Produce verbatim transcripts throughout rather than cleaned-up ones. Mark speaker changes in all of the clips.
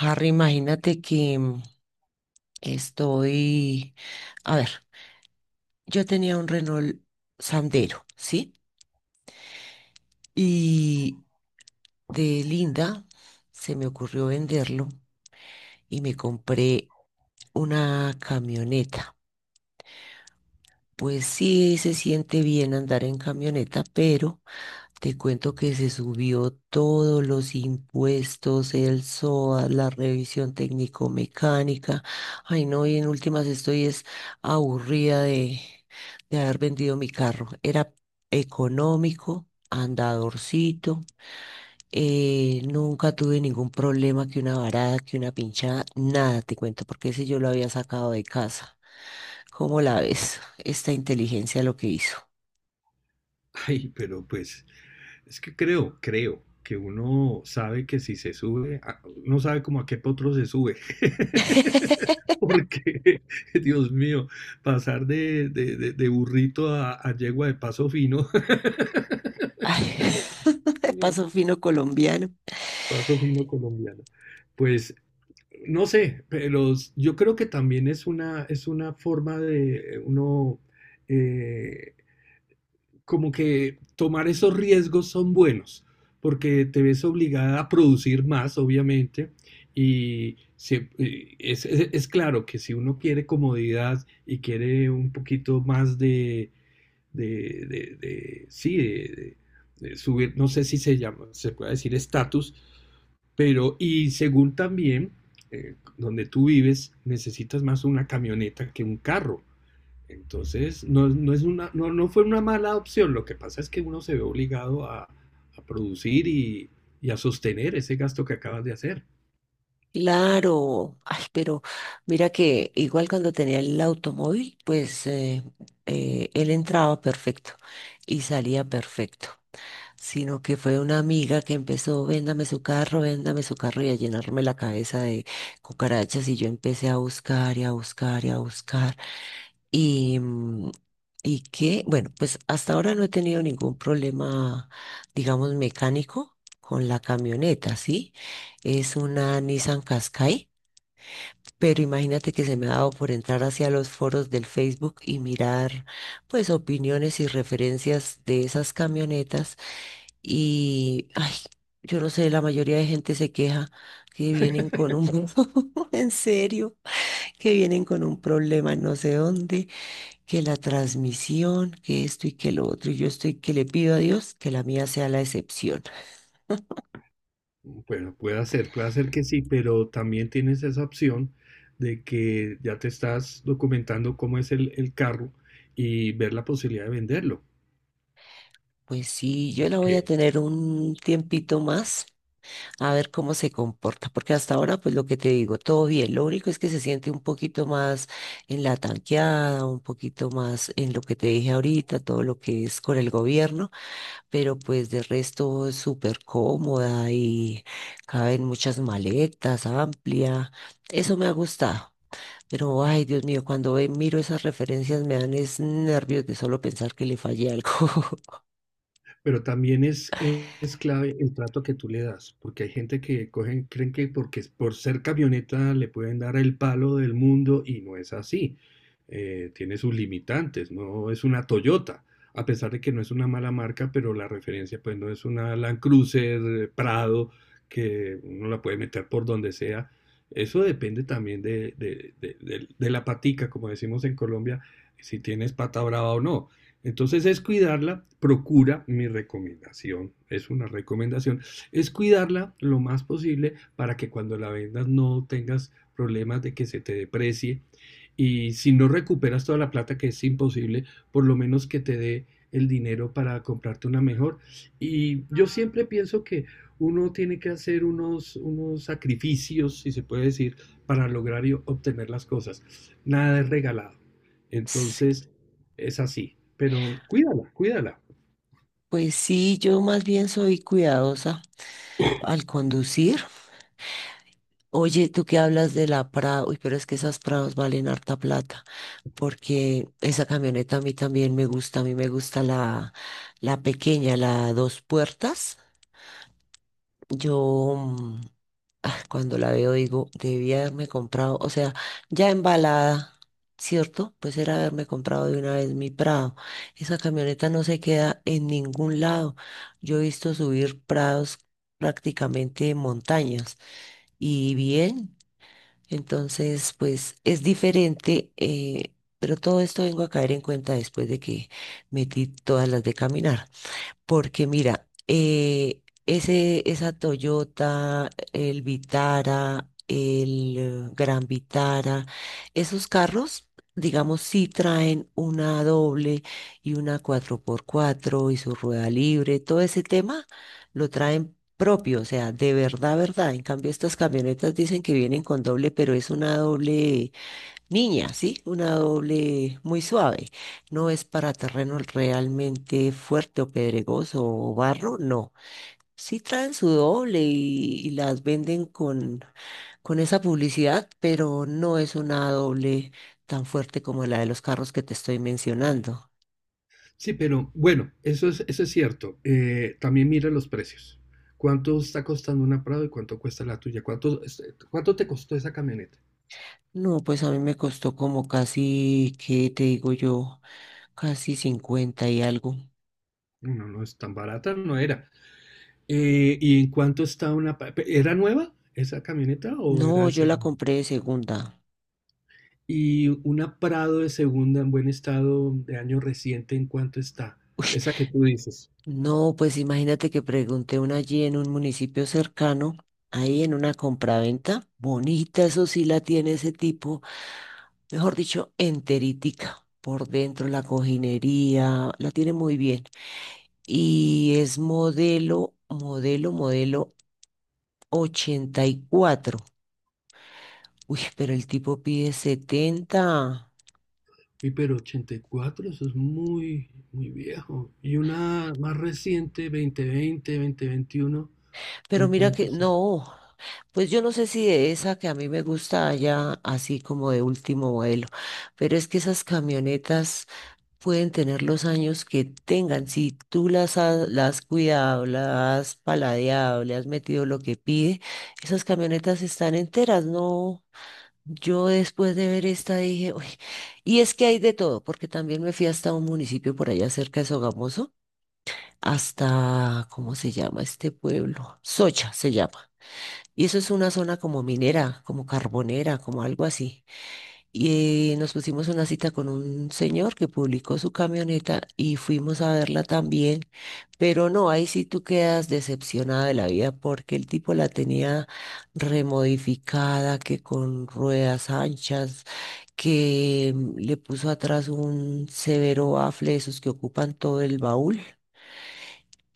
Speaker 1: Harry, imagínate que mm, estoy, a ver, yo tenía un Renault Sandero, ¿sí? Y de linda se me ocurrió venderlo y me compré una camioneta. Pues sí, se siente bien andar en camioneta, pero te cuento que se subió todos los impuestos, el S O A, la revisión técnico-mecánica. Ay, no, y en últimas estoy es aburrida de, de haber vendido mi carro. Era económico, andadorcito, eh, nunca tuve ningún problema que una varada, que una pinchada, nada te cuento, porque ese yo lo había sacado de casa. ¿Cómo la ves? Esta inteligencia lo que hizo.
Speaker 2: Ay, pero pues es que creo, creo que uno sabe que si se sube, a- uno sabe como a qué potro se sube. Porque, Dios mío, pasar de, de- de- de burrito a, a yegua de paso fino,
Speaker 1: Ay, de paso fino colombiano.
Speaker 2: paso fino colombiano. Pues no sé, pero s- yo creo que también es una, es una forma de uno eh, como que tomar esos riesgos son buenos, porque te ves obligada a producir más, obviamente, y se- eh, es, es- es claro que si uno quiere comodidad y quiere un poquito más de, de, de- de- sí, de, de- de subir, no sé si se llama, se puede decir estatus, pero y según también eh, donde tú vives, necesitas más una camioneta que un carro. Entonces, no, no, es una, no, no fue una mala opción. Lo que pasa es que uno se ve obligado a, a producir y, y a sostener ese gasto que acabas de hacer.
Speaker 1: Claro, ay, pero mira que igual cuando tenía el automóvil, pues eh, eh, él entraba perfecto y salía perfecto, sino que fue una amiga que empezó, véndame su carro, véndame su carro y a llenarme la cabeza de cucarachas y yo empecé a buscar y a buscar y a buscar y, mm, y que, bueno, pues hasta ahora no he tenido ningún problema, digamos, mecánico con la camioneta, ¿sí? Es una Nissan Qashqai, pero imagínate que se me ha dado por entrar hacia los foros del Facebook y mirar pues opiniones y referencias de esas camionetas y ay, yo no sé, la mayoría de gente se queja que vienen con un en serio, que vienen con un problema no sé dónde, que la transmisión, que esto y que lo otro, y yo estoy que le pido a Dios que la mía sea la excepción.
Speaker 2: Bueno, puede ser, puede ser que sí, pero también tienes esa opción de que ya te estás documentando cómo es el, el carro y ver la posibilidad de venderlo.
Speaker 1: Pues sí, yo la voy a tener un tiempito más a ver cómo se comporta, porque hasta ahora, pues lo que te digo, todo bien, lo único es que se siente un poquito más en la tanqueada, un poquito más en lo que te dije ahorita, todo lo que es con el gobierno, pero pues de resto es súper cómoda y caben muchas maletas, amplia, eso me ha gustado. Pero, ay, Dios mío, cuando ve- miro esas referencias me dan es nervios de solo pensar que le fallé algo.
Speaker 2: Pero también es, es clave el trato que tú le das, porque hay gente que cogen, creen que porque es- por ser camioneta le pueden dar el palo del mundo y no es así. Eh, tiene sus limitantes, no es una Toyota, a pesar de que no es una mala marca, pero la referencia pues no es una Land Cruiser, eh, Prado, que uno la puede meter por donde sea. Eso depende también de, de, de, de de la patica, como decimos en Colombia, si tienes pata brava o no. Entonces es cuidarla, procura mi recomendación, es una recomendación, es cuidarla lo más posible para que cuando la vendas no tengas problemas de que se te deprecie y si no recuperas toda la plata que es imposible, por lo menos que te dé el dinero para comprarte una mejor. Y yo siempre pienso que uno tiene que hacer unos, unos sacrificios, si se puede decir, para lograr y obtener las cosas. Nada es regalado.
Speaker 1: Sí.
Speaker 2: Entonces, es así. Pero cuídala, cuídala.
Speaker 1: Pues sí, yo más bien soy cuidadosa al conducir. Oye, tú que hablas de la Prado, uy, pero es que esas Prados valen harta plata, porque esa camioneta a mí también me gusta, a mí me gusta la, la pequeña, la dos puertas. Yo mm, ah, cuando la veo digo, debía haberme comprado, o sea, ya embalada, ¿cierto? Pues era haberme comprado de una vez mi Prado. Esa camioneta no se queda en ningún lado. Yo he visto subir Prados prácticamente en montañas y bien. Entonces, pues es diferente, eh, pero todo esto vengo a caer en cuenta después de que metí todas las de caminar. Porque mira, eh, ese, esa Toyota, el Vitara, el eh, Gran Vitara, esos carros, digamos, sí traen una doble y una cuatro por cuatro y su rueda libre, todo ese tema lo traen propio, o sea, de verdad, verdad. En cambio, estas camionetas dicen que vienen con doble, pero es una doble, niña, sí, una doble muy suave. No es para terreno realmente fuerte o pedregoso o barro, no. Sí traen su doble y, y las venden con, con esa publicidad, pero no es una doble tan fuerte como la de los carros que te estoy mencionando.
Speaker 2: Sí, pero bueno, eso es, eso es cierto. Eh, también mira los precios. ¿Cuánto está costando una Prado y cuánto cuesta la tuya? ¿Cuánto, es- cuánto te costó esa camioneta?
Speaker 1: No, pues a mí me costó como casi, ¿qué te digo yo? Casi cincuenta y algo.
Speaker 2: No, no no es tan barata, no era. Eh, ¿y en cuánto está una... pa- pe- ¿Era nueva esa camioneta o era
Speaker 1: No,
Speaker 2: de
Speaker 1: yo la
Speaker 2: segunda?
Speaker 1: compré de segunda.
Speaker 2: Y una Prado de segunda en buen estado de año reciente, ¿en cuánto está? Esa que tú dices.
Speaker 1: No, pues imagínate que pregunté una allí en un municipio cercano, ahí en una compraventa, bonita, eso sí la tiene ese tipo, mejor dicho, enterítica, por dentro la cojinería, la tiene muy bien. Y es modelo, modelo, modelo ochenta y cuatro. Uy, pero el tipo pide setenta.
Speaker 2: Y pero ochenta y cuatro eso es muy, muy viejo. Y una más reciente, dos mil veinte, veintiuno,
Speaker 1: Pero
Speaker 2: ¿en
Speaker 1: mira
Speaker 2: cuánto
Speaker 1: que
Speaker 2: está?
Speaker 1: no. Pues yo no sé si de esa que a mí me gusta haya así como de último vuelo, pero es que esas camionetas pueden tener los años que tengan. Si tú las has, las has cuidado, las has paladeado, le has metido lo que pide, esas camionetas están enteras, ¿no? Yo después de ver esta dije, uy, y es que hay de todo, porque también me fui hasta un municipio por allá cerca de Sogamoso, hasta, ¿cómo se llama este pueblo? Socha se llama. Y eso es una zona como minera, como carbonera, como algo así. Y eh, nos pusimos una cita con un señor que publicó su camioneta y fuimos a verla también. Pero no, ahí sí tú quedas decepcionada de la vida porque el tipo la tenía remodificada, que con ruedas anchas, que mm, le puso atrás un severo bafle de esos que ocupan todo el baúl.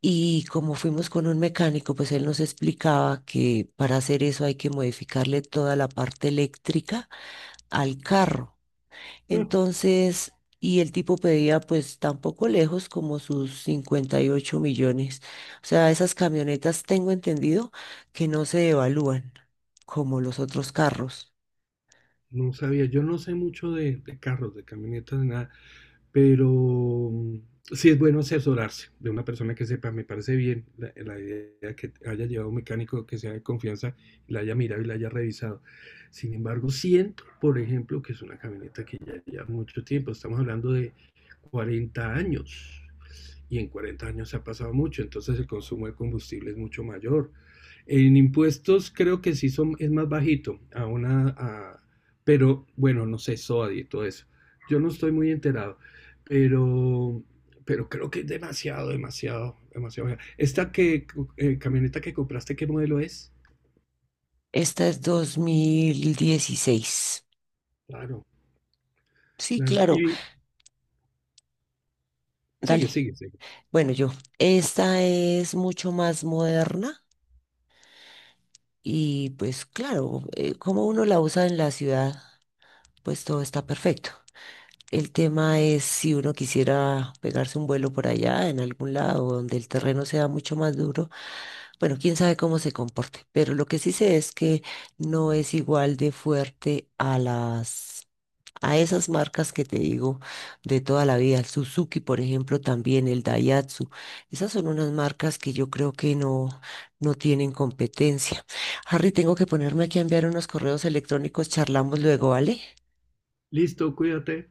Speaker 1: Y como fuimos con un mecánico, pues él nos explicaba que para hacer eso hay que modificarle toda la parte eléctrica al carro.
Speaker 2: No,
Speaker 1: Entonces, y el tipo pedía pues tampoco lejos como sus cincuenta y ocho millones. O sea, esas camionetas tengo entendido que no se evalúan como los otros carros.
Speaker 2: no sabía. Yo no sé mucho de, de carros, de camionetas, de nada, pero mm, sí es bueno asesorarse de una persona que sepa. Me parece bien la, la idea que haya llevado un mecánico que sea de confianza, la haya mirado y la haya revisado. Sin embargo, siento, por ejemplo, que es una camioneta que ya lleva mucho tiempo. Estamos hablando de cuarenta años. Y en cuarenta años ha pasado mucho, entonces el consumo de combustible es mucho mayor. En impuestos creo que sí son, es más bajito, a una, a, pero bueno, no sé, S O A D y todo eso. Yo no estoy muy enterado, pero, pero creo que es demasiado, demasiado, demasiado baja. Esta que, eh, camioneta que compraste, ¿qué modelo es?
Speaker 1: Esta es dos mil dieciséis.
Speaker 2: Claro,
Speaker 1: Sí,
Speaker 2: claro.
Speaker 1: claro,
Speaker 2: Y
Speaker 1: dale.
Speaker 2: sigue, sigue, sigue.
Speaker 1: Bueno, yo, esta es mucho más moderna. Y pues claro, eh, como uno la usa en la ciudad, pues todo está perfecto. El tema es si uno quisiera pegarse un vuelo por allá, en algún lado donde el terreno sea mucho más duro, bueno, quién sabe cómo se comporte, pero lo que sí sé es que no es igual de fuerte a las a esas marcas que te digo de toda la vida, el Suzuki, por ejemplo, también el Daihatsu. Esas son unas marcas que yo creo que no, no tienen competencia. Harry, tengo que ponerme aquí a enviar unos correos electrónicos, charlamos luego, ¿vale?
Speaker 2: Listo, cuídate.